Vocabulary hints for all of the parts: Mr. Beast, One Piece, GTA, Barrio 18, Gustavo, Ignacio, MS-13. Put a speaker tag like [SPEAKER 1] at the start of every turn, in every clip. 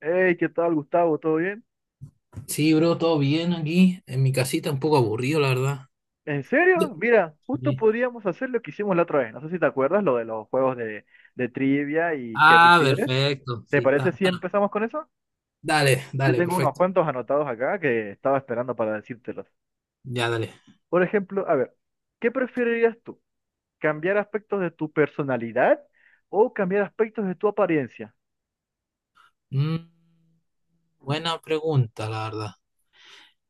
[SPEAKER 1] Hey, ¿qué tal, Gustavo? ¿Todo bien?
[SPEAKER 2] Sí, bro, todo bien aquí, en mi casita, un poco aburrido, la verdad.
[SPEAKER 1] ¿En serio? Mira, justo
[SPEAKER 2] Sí.
[SPEAKER 1] podríamos hacer lo que hicimos la otra vez. No sé si te acuerdas, lo de los juegos de trivia y qué
[SPEAKER 2] Ah,
[SPEAKER 1] prefieres.
[SPEAKER 2] perfecto,
[SPEAKER 1] ¿Te
[SPEAKER 2] sí,
[SPEAKER 1] parece
[SPEAKER 2] está.
[SPEAKER 1] si empezamos con eso?
[SPEAKER 2] Dale,
[SPEAKER 1] Yo
[SPEAKER 2] dale,
[SPEAKER 1] tengo unos
[SPEAKER 2] perfecto.
[SPEAKER 1] cuantos anotados acá que estaba esperando para decírtelos.
[SPEAKER 2] Ya, dale.
[SPEAKER 1] Por ejemplo, a ver, ¿qué preferirías tú? ¿Cambiar aspectos de tu personalidad o cambiar aspectos de tu apariencia?
[SPEAKER 2] Mm, buena pregunta, la verdad.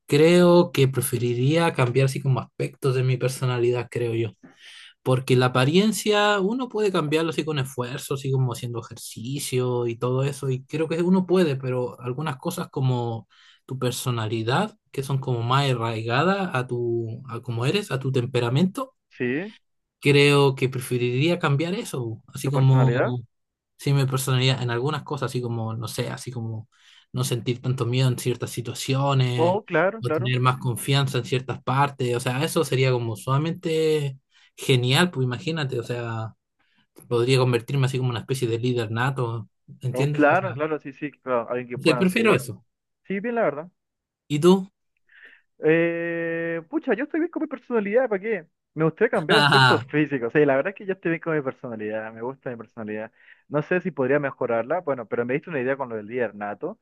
[SPEAKER 2] Creo que preferiría cambiar así como aspectos de mi personalidad, creo yo. Porque la apariencia uno puede cambiarlo así con esfuerzo, así como haciendo ejercicio y todo eso, y creo que uno puede, pero algunas cosas como tu personalidad, que son como más arraigadas a tu, a cómo eres, a tu temperamento,
[SPEAKER 1] ¿Sí?
[SPEAKER 2] creo que preferiría cambiar eso,
[SPEAKER 1] ¿Tu
[SPEAKER 2] así como.
[SPEAKER 1] personalidad?
[SPEAKER 2] Sí, mi personalidad en algunas cosas, así como, no sé, así como no sentir tanto miedo en ciertas situaciones
[SPEAKER 1] Oh, claro,
[SPEAKER 2] o
[SPEAKER 1] claro.
[SPEAKER 2] tener más confianza en ciertas partes. O sea, eso sería como sumamente genial, pues imagínate, o sea, podría convertirme así como una especie de líder nato,
[SPEAKER 1] Oh,
[SPEAKER 2] ¿entiendes? O sea,
[SPEAKER 1] claro, claro, sí, sí, claro. Alguien que
[SPEAKER 2] sí,
[SPEAKER 1] puedan
[SPEAKER 2] prefiero
[SPEAKER 1] seguir.
[SPEAKER 2] eso.
[SPEAKER 1] Sí, bien, la verdad.
[SPEAKER 2] ¿Y tú?
[SPEAKER 1] Pucha, yo estoy bien con mi personalidad, ¿para qué? Me gustaría cambiar aspectos físicos. Sí, la verdad es que yo estoy bien con mi personalidad, me gusta mi personalidad. No sé si podría mejorarla, bueno, pero me diste una idea con lo del líder nato.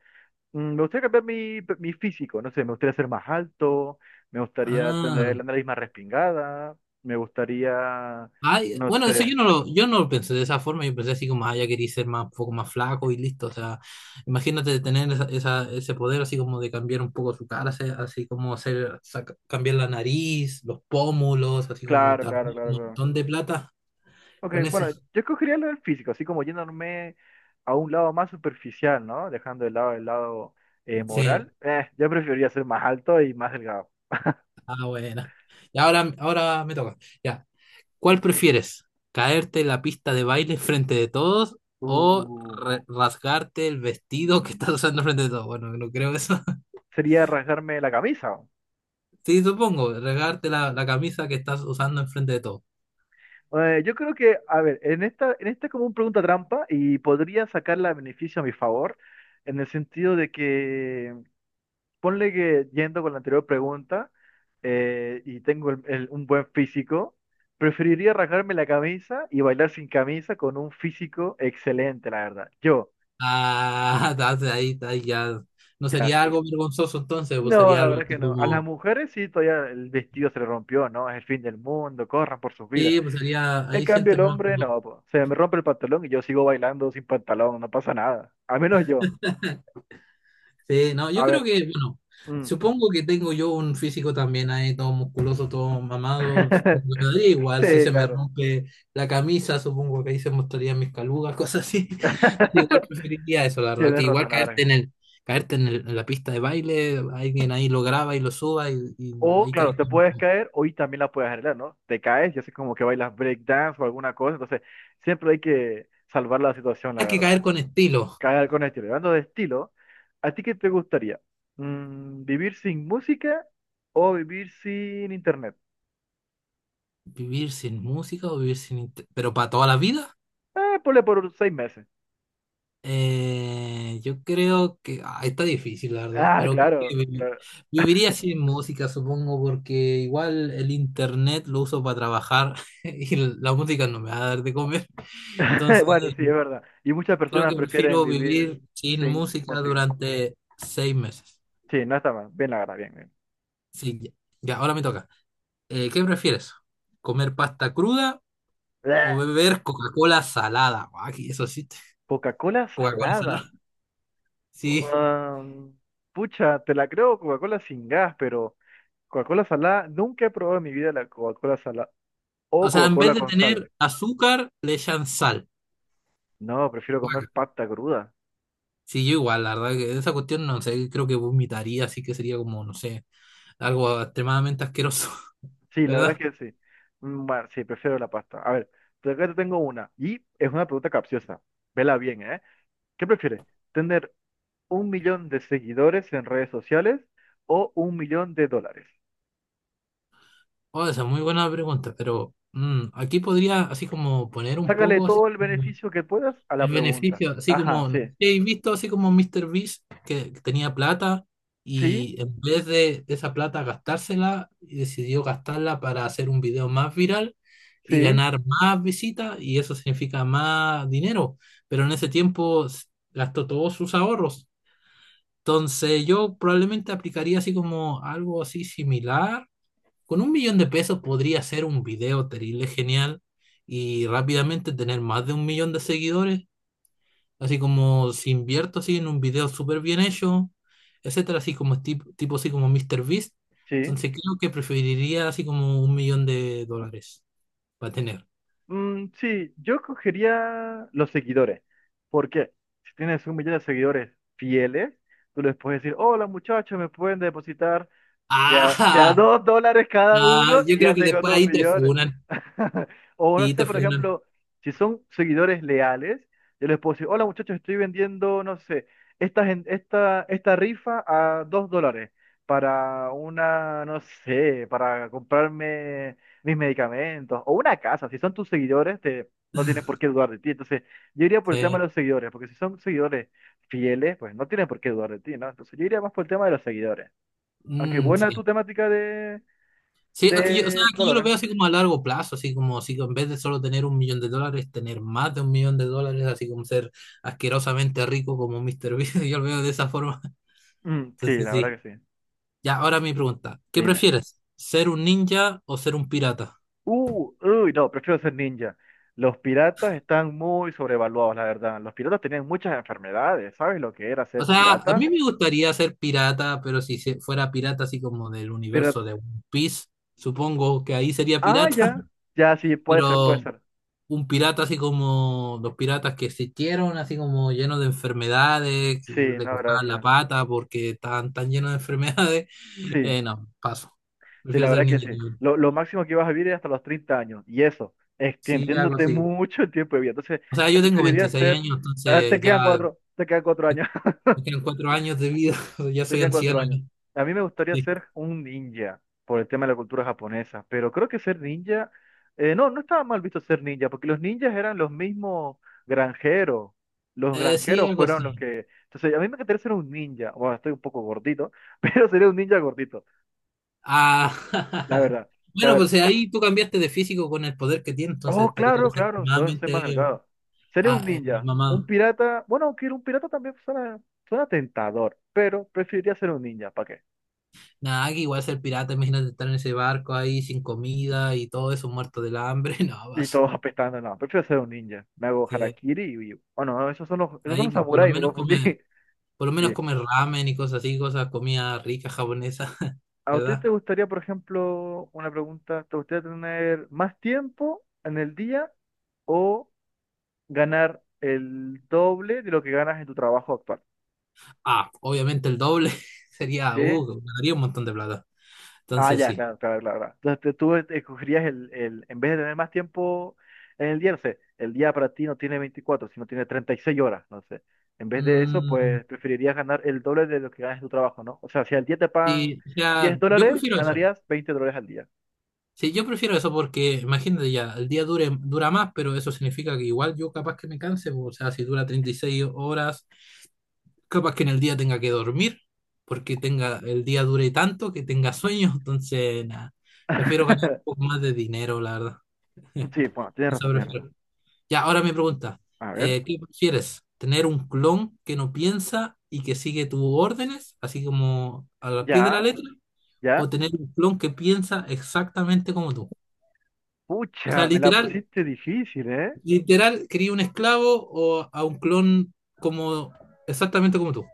[SPEAKER 1] Me gustaría cambiar mi físico, no sé, me gustaría ser más alto, me gustaría
[SPEAKER 2] Ah.
[SPEAKER 1] tener la nariz más respingada, me gustaría,
[SPEAKER 2] Ay,
[SPEAKER 1] no
[SPEAKER 2] bueno, eso
[SPEAKER 1] sé,
[SPEAKER 2] yo no lo pensé de esa forma, yo pensé así como, ah, ya quería ser más, un poco más flaco y listo, o sea, imagínate tener ese poder así como de cambiar un poco su cara, así, así como hacer, saca- cambiar la nariz, los pómulos, así como
[SPEAKER 1] claro, claro,
[SPEAKER 2] también un
[SPEAKER 1] claro, claro.
[SPEAKER 2] montón de plata
[SPEAKER 1] Ok,
[SPEAKER 2] con eso.
[SPEAKER 1] bueno, yo escogería lo del físico, así como yéndome a un lado más superficial, ¿no? Dejando de lado el lado
[SPEAKER 2] Sí,
[SPEAKER 1] moral. Yo preferiría ser más alto y más delgado.
[SPEAKER 2] ah, buena. Y ahora me toca, ya, ¿cuál prefieres? ¿Caerte en la pista de baile frente de todos o
[SPEAKER 1] Uh,
[SPEAKER 2] rasgarte el vestido que estás usando frente de todos? Bueno, no creo eso.
[SPEAKER 1] Sería rasgarme la camisa.
[SPEAKER 2] Sí, supongo, regarte la camisa que estás usando enfrente de todo.
[SPEAKER 1] Yo creo que, a ver, en esta es como una pregunta trampa y podría sacarla a beneficio a mi favor, en el sentido de que ponle que yendo con la anterior pregunta y tengo un buen físico, preferiría rasgarme la camisa y bailar sin camisa con un físico excelente, la verdad.
[SPEAKER 2] Ah, estás ahí ya. No sería
[SPEAKER 1] Gracias.
[SPEAKER 2] algo vergonzoso entonces, pues
[SPEAKER 1] No,
[SPEAKER 2] sería
[SPEAKER 1] la
[SPEAKER 2] algo
[SPEAKER 1] verdad que
[SPEAKER 2] así
[SPEAKER 1] no. A las
[SPEAKER 2] como.
[SPEAKER 1] mujeres sí, todavía el vestido se le rompió, ¿no? Es el fin del mundo, corran por sus vidas.
[SPEAKER 2] Sí, pues sería.
[SPEAKER 1] En
[SPEAKER 2] Ahí
[SPEAKER 1] cambio,
[SPEAKER 2] sientes
[SPEAKER 1] el
[SPEAKER 2] más.
[SPEAKER 1] hombre no, po. Se me rompe el pantalón y yo sigo bailando sin pantalón, no pasa nada. Al menos yo.
[SPEAKER 2] Sí, no, yo
[SPEAKER 1] A
[SPEAKER 2] creo
[SPEAKER 1] ver.
[SPEAKER 2] que, bueno,
[SPEAKER 1] Mm.
[SPEAKER 2] supongo que tengo yo un físico también ahí, todo musculoso, todo mamado, supongo que me daría igual,
[SPEAKER 1] Sí,
[SPEAKER 2] si se me
[SPEAKER 1] claro.
[SPEAKER 2] rompe la camisa, supongo que ahí se mostrarían mis calugas, cosas así. Entonces, igual preferiría eso, la verdad,
[SPEAKER 1] Tienes
[SPEAKER 2] que igual
[SPEAKER 1] razón, la verdad.
[SPEAKER 2] caerte en, en la pista de baile, alguien ahí lo graba y lo suba y
[SPEAKER 1] O,
[SPEAKER 2] hay que,
[SPEAKER 1] claro, te puedes caer o y también la puedes arreglar, ¿no? Te caes y haces como que bailas breakdance o alguna cosa. Entonces, siempre hay que salvar la situación, la
[SPEAKER 2] hay que caer
[SPEAKER 1] verdad.
[SPEAKER 2] con estilo.
[SPEAKER 1] Caer con estilo. Y hablando de estilo, ¿a ti qué te gustaría? ¿Vivir sin música o vivir sin internet?
[SPEAKER 2] Vivir sin música o vivir sin... inte- Pero para toda la vida.
[SPEAKER 1] Ponle por unos 6 meses.
[SPEAKER 2] Yo creo que ah, está difícil, la verdad,
[SPEAKER 1] Ah,
[SPEAKER 2] pero creo que
[SPEAKER 1] claro, claro.
[SPEAKER 2] viviría sin música, supongo, porque igual el internet lo uso para trabajar y la música no me va a dar de comer. Entonces,
[SPEAKER 1] Bueno, sí, es verdad. Y muchas
[SPEAKER 2] creo
[SPEAKER 1] personas
[SPEAKER 2] que
[SPEAKER 1] prefieren
[SPEAKER 2] prefiero
[SPEAKER 1] vivir
[SPEAKER 2] vivir sin
[SPEAKER 1] sin
[SPEAKER 2] música
[SPEAKER 1] música.
[SPEAKER 2] durante 6 meses.
[SPEAKER 1] Sí, no está mal. Bien, la verdad, bien, bien.
[SPEAKER 2] Sí, ya, ahora me toca. ¿Qué prefieres? ¿Comer pasta cruda o
[SPEAKER 1] Bleh.
[SPEAKER 2] beber Coca-Cola salada? Aquí, eso sí,
[SPEAKER 1] Coca-Cola
[SPEAKER 2] Coca-Cola
[SPEAKER 1] salada.
[SPEAKER 2] salada. Sí.
[SPEAKER 1] Ah, pucha, te la creo Coca-Cola sin gas, pero Coca-Cola salada, nunca he probado en mi vida la Coca-Cola salada
[SPEAKER 2] O
[SPEAKER 1] o
[SPEAKER 2] sea, en vez
[SPEAKER 1] Coca-Cola
[SPEAKER 2] de
[SPEAKER 1] con sal.
[SPEAKER 2] tener azúcar, le echan sal.
[SPEAKER 1] No, prefiero comer
[SPEAKER 2] Guaca.
[SPEAKER 1] pasta cruda.
[SPEAKER 2] Sí, yo igual, la verdad que esa cuestión no sé, creo que vomitaría, así que sería como, no sé, algo extremadamente asqueroso,
[SPEAKER 1] Sí, la verdad
[SPEAKER 2] ¿verdad?
[SPEAKER 1] es que sí. Bueno, sí, prefiero la pasta. A ver, acá te tengo una y es una pregunta capciosa. Vela bien, ¿eh? ¿Qué prefieres? ¿Tener 1 millón de seguidores en redes sociales o 1 millón de dólares?
[SPEAKER 2] Oh, esa es muy buena pregunta, pero aquí podría así como poner un
[SPEAKER 1] Sácale
[SPEAKER 2] poco así.
[SPEAKER 1] todo el beneficio que puedas a la
[SPEAKER 2] El
[SPEAKER 1] pregunta.
[SPEAKER 2] beneficio, así
[SPEAKER 1] Ajá,
[SPEAKER 2] como, no sé
[SPEAKER 1] sí.
[SPEAKER 2] si habéis visto así como Mr. Beast, que tenía plata
[SPEAKER 1] Sí,
[SPEAKER 2] y en vez de esa plata gastársela, decidió gastarla para hacer un video más viral y
[SPEAKER 1] sí,
[SPEAKER 2] ganar más visitas y eso significa más dinero. Pero en ese tiempo gastó todos sus ahorros. Entonces yo probablemente aplicaría así como algo así similar. Con 1 millón de pesos podría hacer un video terrible genial y rápidamente tener más de 1 millón de seguidores. Así como si invierto así en un video súper bien hecho, etcétera, así como tipo así como Mr. Beast.
[SPEAKER 1] sí.
[SPEAKER 2] Entonces creo que preferiría así como 1 millón de dólares para tener.
[SPEAKER 1] Sí, yo cogería los seguidores. ¿Por qué? Si tienes 1 millón de seguidores fieles, tú les puedes decir, hola muchachos, me pueden depositar de a 2 dólares cada
[SPEAKER 2] Ah, ah,
[SPEAKER 1] uno
[SPEAKER 2] yo
[SPEAKER 1] y
[SPEAKER 2] creo
[SPEAKER 1] ya
[SPEAKER 2] que
[SPEAKER 1] tengo
[SPEAKER 2] después
[SPEAKER 1] dos
[SPEAKER 2] ahí te
[SPEAKER 1] millones.
[SPEAKER 2] funan,
[SPEAKER 1] O no
[SPEAKER 2] sí,
[SPEAKER 1] sé,
[SPEAKER 2] te
[SPEAKER 1] por
[SPEAKER 2] funan.
[SPEAKER 1] ejemplo, si son seguidores leales, yo les puedo decir, hola muchachos, estoy vendiendo, no sé, esta rifa a 2 dólares para una, no sé, para comprarme mis medicamentos o una casa. Si son tus seguidores, te, no tienen por qué dudar de ti. Entonces, yo iría por el tema
[SPEAKER 2] Sí.
[SPEAKER 1] de los seguidores, porque si son seguidores fieles, pues no tienen por qué dudar de ti, ¿no? Entonces, yo iría más por el tema de los seguidores. Aunque
[SPEAKER 2] Mm,
[SPEAKER 1] buena tu
[SPEAKER 2] sí.
[SPEAKER 1] temática de,
[SPEAKER 2] Sí, es que yo, o sea,
[SPEAKER 1] de
[SPEAKER 2] que yo lo
[SPEAKER 1] Dolores.
[SPEAKER 2] veo así como a largo plazo, así como si en vez de solo tener 1 millón de dólares, tener más de 1 millón de dólares, así como ser asquerosamente rico como Mr. Beast, yo lo veo de esa forma.
[SPEAKER 1] Sí,
[SPEAKER 2] Entonces
[SPEAKER 1] la verdad
[SPEAKER 2] sí.
[SPEAKER 1] que sí.
[SPEAKER 2] Ya, ahora mi pregunta. ¿Qué
[SPEAKER 1] Dime.
[SPEAKER 2] prefieres? ¿Ser un ninja o ser un pirata?
[SPEAKER 1] Uy, no, prefiero ser ninja. Los piratas están muy sobrevaluados, la verdad. Los piratas tenían muchas enfermedades. ¿Sabes lo que era
[SPEAKER 2] O
[SPEAKER 1] ser
[SPEAKER 2] sea, a
[SPEAKER 1] pirata?
[SPEAKER 2] mí me gustaría ser pirata, pero si fuera pirata así como del
[SPEAKER 1] Pero,
[SPEAKER 2] universo de One Piece, supongo que ahí sería
[SPEAKER 1] ah,
[SPEAKER 2] pirata,
[SPEAKER 1] ya. Ya, sí, puede ser, puede
[SPEAKER 2] pero
[SPEAKER 1] ser.
[SPEAKER 2] un pirata así como los piratas que existieron, así como llenos de enfermedades, que
[SPEAKER 1] Sí,
[SPEAKER 2] le
[SPEAKER 1] no,
[SPEAKER 2] cortaban la
[SPEAKER 1] gracias.
[SPEAKER 2] pata porque estaban tan llenos de enfermedades.
[SPEAKER 1] Sí,
[SPEAKER 2] No, paso.
[SPEAKER 1] sí,
[SPEAKER 2] Prefiero
[SPEAKER 1] la
[SPEAKER 2] ser
[SPEAKER 1] verdad que
[SPEAKER 2] ninja.
[SPEAKER 1] sí. Lo máximo que vas a vivir es hasta los 30 años. Y eso,
[SPEAKER 2] Sí, algo
[SPEAKER 1] extendiéndote
[SPEAKER 2] así.
[SPEAKER 1] mucho el tiempo de vida. Entonces,
[SPEAKER 2] O sea, yo tengo
[SPEAKER 1] preferiría
[SPEAKER 2] 26
[SPEAKER 1] ser.
[SPEAKER 2] años,
[SPEAKER 1] Ah, te
[SPEAKER 2] entonces
[SPEAKER 1] quedan
[SPEAKER 2] ya
[SPEAKER 1] cuatro, te quedan cuatro años.
[SPEAKER 2] me quedan 4 años de vida, ya
[SPEAKER 1] Te
[SPEAKER 2] soy
[SPEAKER 1] quedan cuatro
[SPEAKER 2] anciano. Ya.
[SPEAKER 1] años. A mí me gustaría
[SPEAKER 2] Sí,
[SPEAKER 1] ser un ninja por el tema de la cultura japonesa, pero creo que ser ninja, no, no estaba mal visto ser ninja, porque los ninjas eran los mismos granjeros. Los
[SPEAKER 2] eh, sí,
[SPEAKER 1] granjeros
[SPEAKER 2] algo
[SPEAKER 1] fueron los
[SPEAKER 2] así.
[SPEAKER 1] que. Entonces, a mí me gustaría ser un ninja. Bueno, estoy un poco gordito, pero sería un ninja gordito,
[SPEAKER 2] Ah,
[SPEAKER 1] la verdad. A
[SPEAKER 2] bueno,
[SPEAKER 1] ver,
[SPEAKER 2] pues ahí tú cambiaste de físico con el poder que tiene, entonces
[SPEAKER 1] oh,
[SPEAKER 2] estarías
[SPEAKER 1] claro, claro, soy más
[SPEAKER 2] extremadamente
[SPEAKER 1] delgado. Sería un
[SPEAKER 2] ah,
[SPEAKER 1] ninja, un
[SPEAKER 2] mamado.
[SPEAKER 1] pirata. Bueno, aunque un pirata también suena tentador, pero preferiría ser un ninja, ¿para qué?
[SPEAKER 2] Nada, que igual ser pirata, imagínate estar en ese barco ahí sin comida y todo eso, muerto del hambre, no,
[SPEAKER 1] Y
[SPEAKER 2] vas.
[SPEAKER 1] todos apestando, no, prefiero ser un ninja. Me hago
[SPEAKER 2] Sí,
[SPEAKER 1] harakiri y huyo. Oh, no, esos son los
[SPEAKER 2] ahí por lo
[SPEAKER 1] samuráis, me
[SPEAKER 2] menos
[SPEAKER 1] confundí.
[SPEAKER 2] come, por lo menos
[SPEAKER 1] Sí.
[SPEAKER 2] come ramen y cosas así, cosas, comida rica japonesa,
[SPEAKER 1] ¿A usted te
[SPEAKER 2] ¿verdad?
[SPEAKER 1] gustaría, por ejemplo, una pregunta, te gustaría tener más tiempo en el día o ganar el doble de lo que ganas en tu trabajo actual?
[SPEAKER 2] Ah, obviamente el doble
[SPEAKER 1] ¿Sí?
[SPEAKER 2] sería, ganaría un montón de plata.
[SPEAKER 1] Ah,
[SPEAKER 2] Entonces
[SPEAKER 1] ya,
[SPEAKER 2] sí.
[SPEAKER 1] claro, claro, claro, claro. Entonces tú escogerías en vez de tener más tiempo en el día, no sé, el día para ti no tiene 24 sino tiene 36 horas, no sé. En vez de eso,
[SPEAKER 2] Mm,
[SPEAKER 1] pues preferirías ganar el doble de lo que ganas en tu trabajo, ¿no? O sea, si al día te pagan
[SPEAKER 2] sí, o
[SPEAKER 1] diez
[SPEAKER 2] sea, yo
[SPEAKER 1] dólares,
[SPEAKER 2] prefiero eso.
[SPEAKER 1] ganarías 20 dólares al día.
[SPEAKER 2] Sí, yo prefiero eso porque imagínate ya, dura más, pero eso significa que igual yo capaz que me canse, o sea, si dura 36 horas, capaz que en el día tenga que dormir, porque tenga, el día dure tanto que tenga sueño, entonces nada, prefiero ganar un poco más de dinero, la verdad.
[SPEAKER 1] Sí, bueno, tienes
[SPEAKER 2] Eso
[SPEAKER 1] razón, tienes razón.
[SPEAKER 2] prefiero. Ya, ahora me pregunta,
[SPEAKER 1] A ver,
[SPEAKER 2] ¿qué prefieres? ¿Tener un clon que no piensa y que sigue tus órdenes, así como a la pie de la
[SPEAKER 1] ya,
[SPEAKER 2] letra? ¿O
[SPEAKER 1] ya.
[SPEAKER 2] tener un clon que piensa exactamente como tú? O sea,
[SPEAKER 1] Pucha, me la
[SPEAKER 2] literal,
[SPEAKER 1] pusiste difícil, ¿eh?
[SPEAKER 2] literal, quería un esclavo o a un clon como exactamente como tú.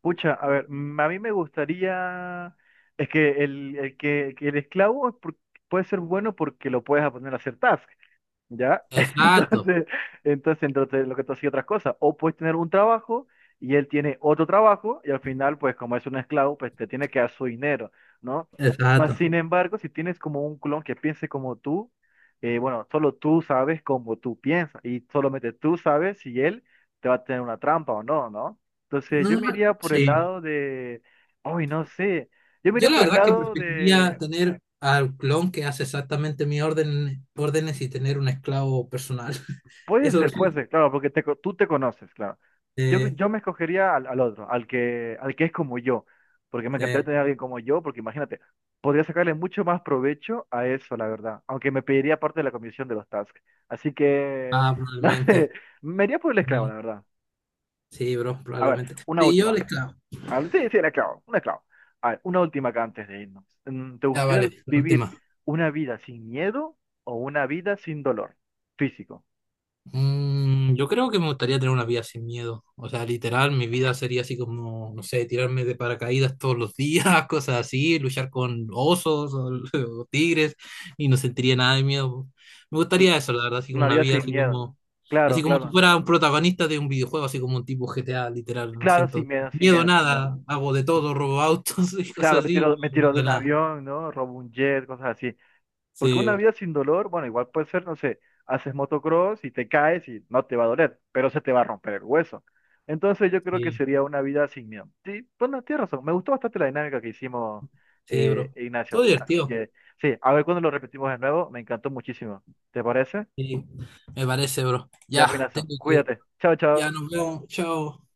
[SPEAKER 1] Pucha, a ver, a mí me gustaría, es que el esclavo puede ser bueno porque lo puedes poner a hacer tasks. ¿Ya?
[SPEAKER 2] Exacto,
[SPEAKER 1] Entonces, entonces, lo que tú hacías otras cosas. O puedes tener un trabajo y él tiene otro trabajo y al final, pues como es un esclavo, pues te tiene que dar su dinero, ¿no? Más
[SPEAKER 2] exacto.
[SPEAKER 1] sin embargo, si tienes como un clon que piense como tú, bueno, solo tú sabes cómo tú piensas y solamente tú sabes si él te va a tener una trampa o no, ¿no? Entonces
[SPEAKER 2] No,
[SPEAKER 1] yo me iría por el
[SPEAKER 2] sí.
[SPEAKER 1] lado de, hoy no sé, yo me iría
[SPEAKER 2] Yo
[SPEAKER 1] por
[SPEAKER 2] la
[SPEAKER 1] el
[SPEAKER 2] verdad que
[SPEAKER 1] lado
[SPEAKER 2] preferiría
[SPEAKER 1] de.
[SPEAKER 2] tener al clon que hace exactamente órdenes y tener un esclavo personal. Eso sí.
[SPEAKER 1] Puede ser, claro, porque tú te conoces, claro. Yo,
[SPEAKER 2] Eh,
[SPEAKER 1] yo me escogería al otro, al que es como yo, porque me encantaría
[SPEAKER 2] eh,
[SPEAKER 1] tener a alguien como yo, porque imagínate, podría sacarle mucho más provecho a eso, la verdad, aunque me pediría parte de la comisión de los tasks. Así que,
[SPEAKER 2] ah,
[SPEAKER 1] no sé,
[SPEAKER 2] probablemente.
[SPEAKER 1] me iría por el esclavo, la
[SPEAKER 2] Sí,
[SPEAKER 1] verdad.
[SPEAKER 2] sí, bro,
[SPEAKER 1] A ver,
[SPEAKER 2] probablemente.
[SPEAKER 1] una
[SPEAKER 2] Sí, yo
[SPEAKER 1] última.
[SPEAKER 2] el esclavo.
[SPEAKER 1] A ver, sí, sí, el esclavo, un esclavo. A ver, una última acá antes de irnos. ¿Te
[SPEAKER 2] Ya
[SPEAKER 1] gustaría
[SPEAKER 2] vale, la
[SPEAKER 1] vivir
[SPEAKER 2] última.
[SPEAKER 1] una vida sin miedo o una vida sin dolor físico?
[SPEAKER 2] Mm, yo creo que me gustaría tener una vida sin miedo. O sea, literal, mi vida sería así como, no sé, tirarme de paracaídas todos los días, cosas así, luchar con osos o, o tigres y no sentiría nada de miedo. Me gustaría eso, la verdad, así como
[SPEAKER 1] Una
[SPEAKER 2] una
[SPEAKER 1] vida
[SPEAKER 2] vida
[SPEAKER 1] sin miedo. Claro,
[SPEAKER 2] así como si
[SPEAKER 1] claro.
[SPEAKER 2] fuera un protagonista de un videojuego, así como un tipo GTA, literal. No
[SPEAKER 1] Claro, sin
[SPEAKER 2] siento
[SPEAKER 1] miedo, sin
[SPEAKER 2] miedo,
[SPEAKER 1] miedo, sin miedo.
[SPEAKER 2] nada, hago de todo, robo autos y
[SPEAKER 1] Claro,
[SPEAKER 2] cosas
[SPEAKER 1] me
[SPEAKER 2] así.
[SPEAKER 1] tiro, me
[SPEAKER 2] No
[SPEAKER 1] tiro de
[SPEAKER 2] siento
[SPEAKER 1] un
[SPEAKER 2] nada.
[SPEAKER 1] avión, ¿no? Robo un jet, cosas así. Porque una
[SPEAKER 2] Sí,
[SPEAKER 1] vida sin dolor, bueno, igual puede ser, no sé, haces motocross y te caes y no te va a doler, pero se te va a romper el hueso. Entonces yo creo que
[SPEAKER 2] sí,
[SPEAKER 1] sería una vida sin miedo. Sí, bueno, tienes razón. Me gustó bastante la dinámica que hicimos,
[SPEAKER 2] sí, bro. Todo
[SPEAKER 1] Ignacio. Así
[SPEAKER 2] divertido.
[SPEAKER 1] que, sí, a ver cuando lo repetimos de nuevo. Me encantó muchísimo. ¿Te parece?
[SPEAKER 2] Sí, me parece, bro.
[SPEAKER 1] Ya, pues,
[SPEAKER 2] Ya,
[SPEAKER 1] Ignacio,
[SPEAKER 2] tengo que.
[SPEAKER 1] cuídate. Chao,
[SPEAKER 2] Ya
[SPEAKER 1] chao.
[SPEAKER 2] nos vemos. Chao.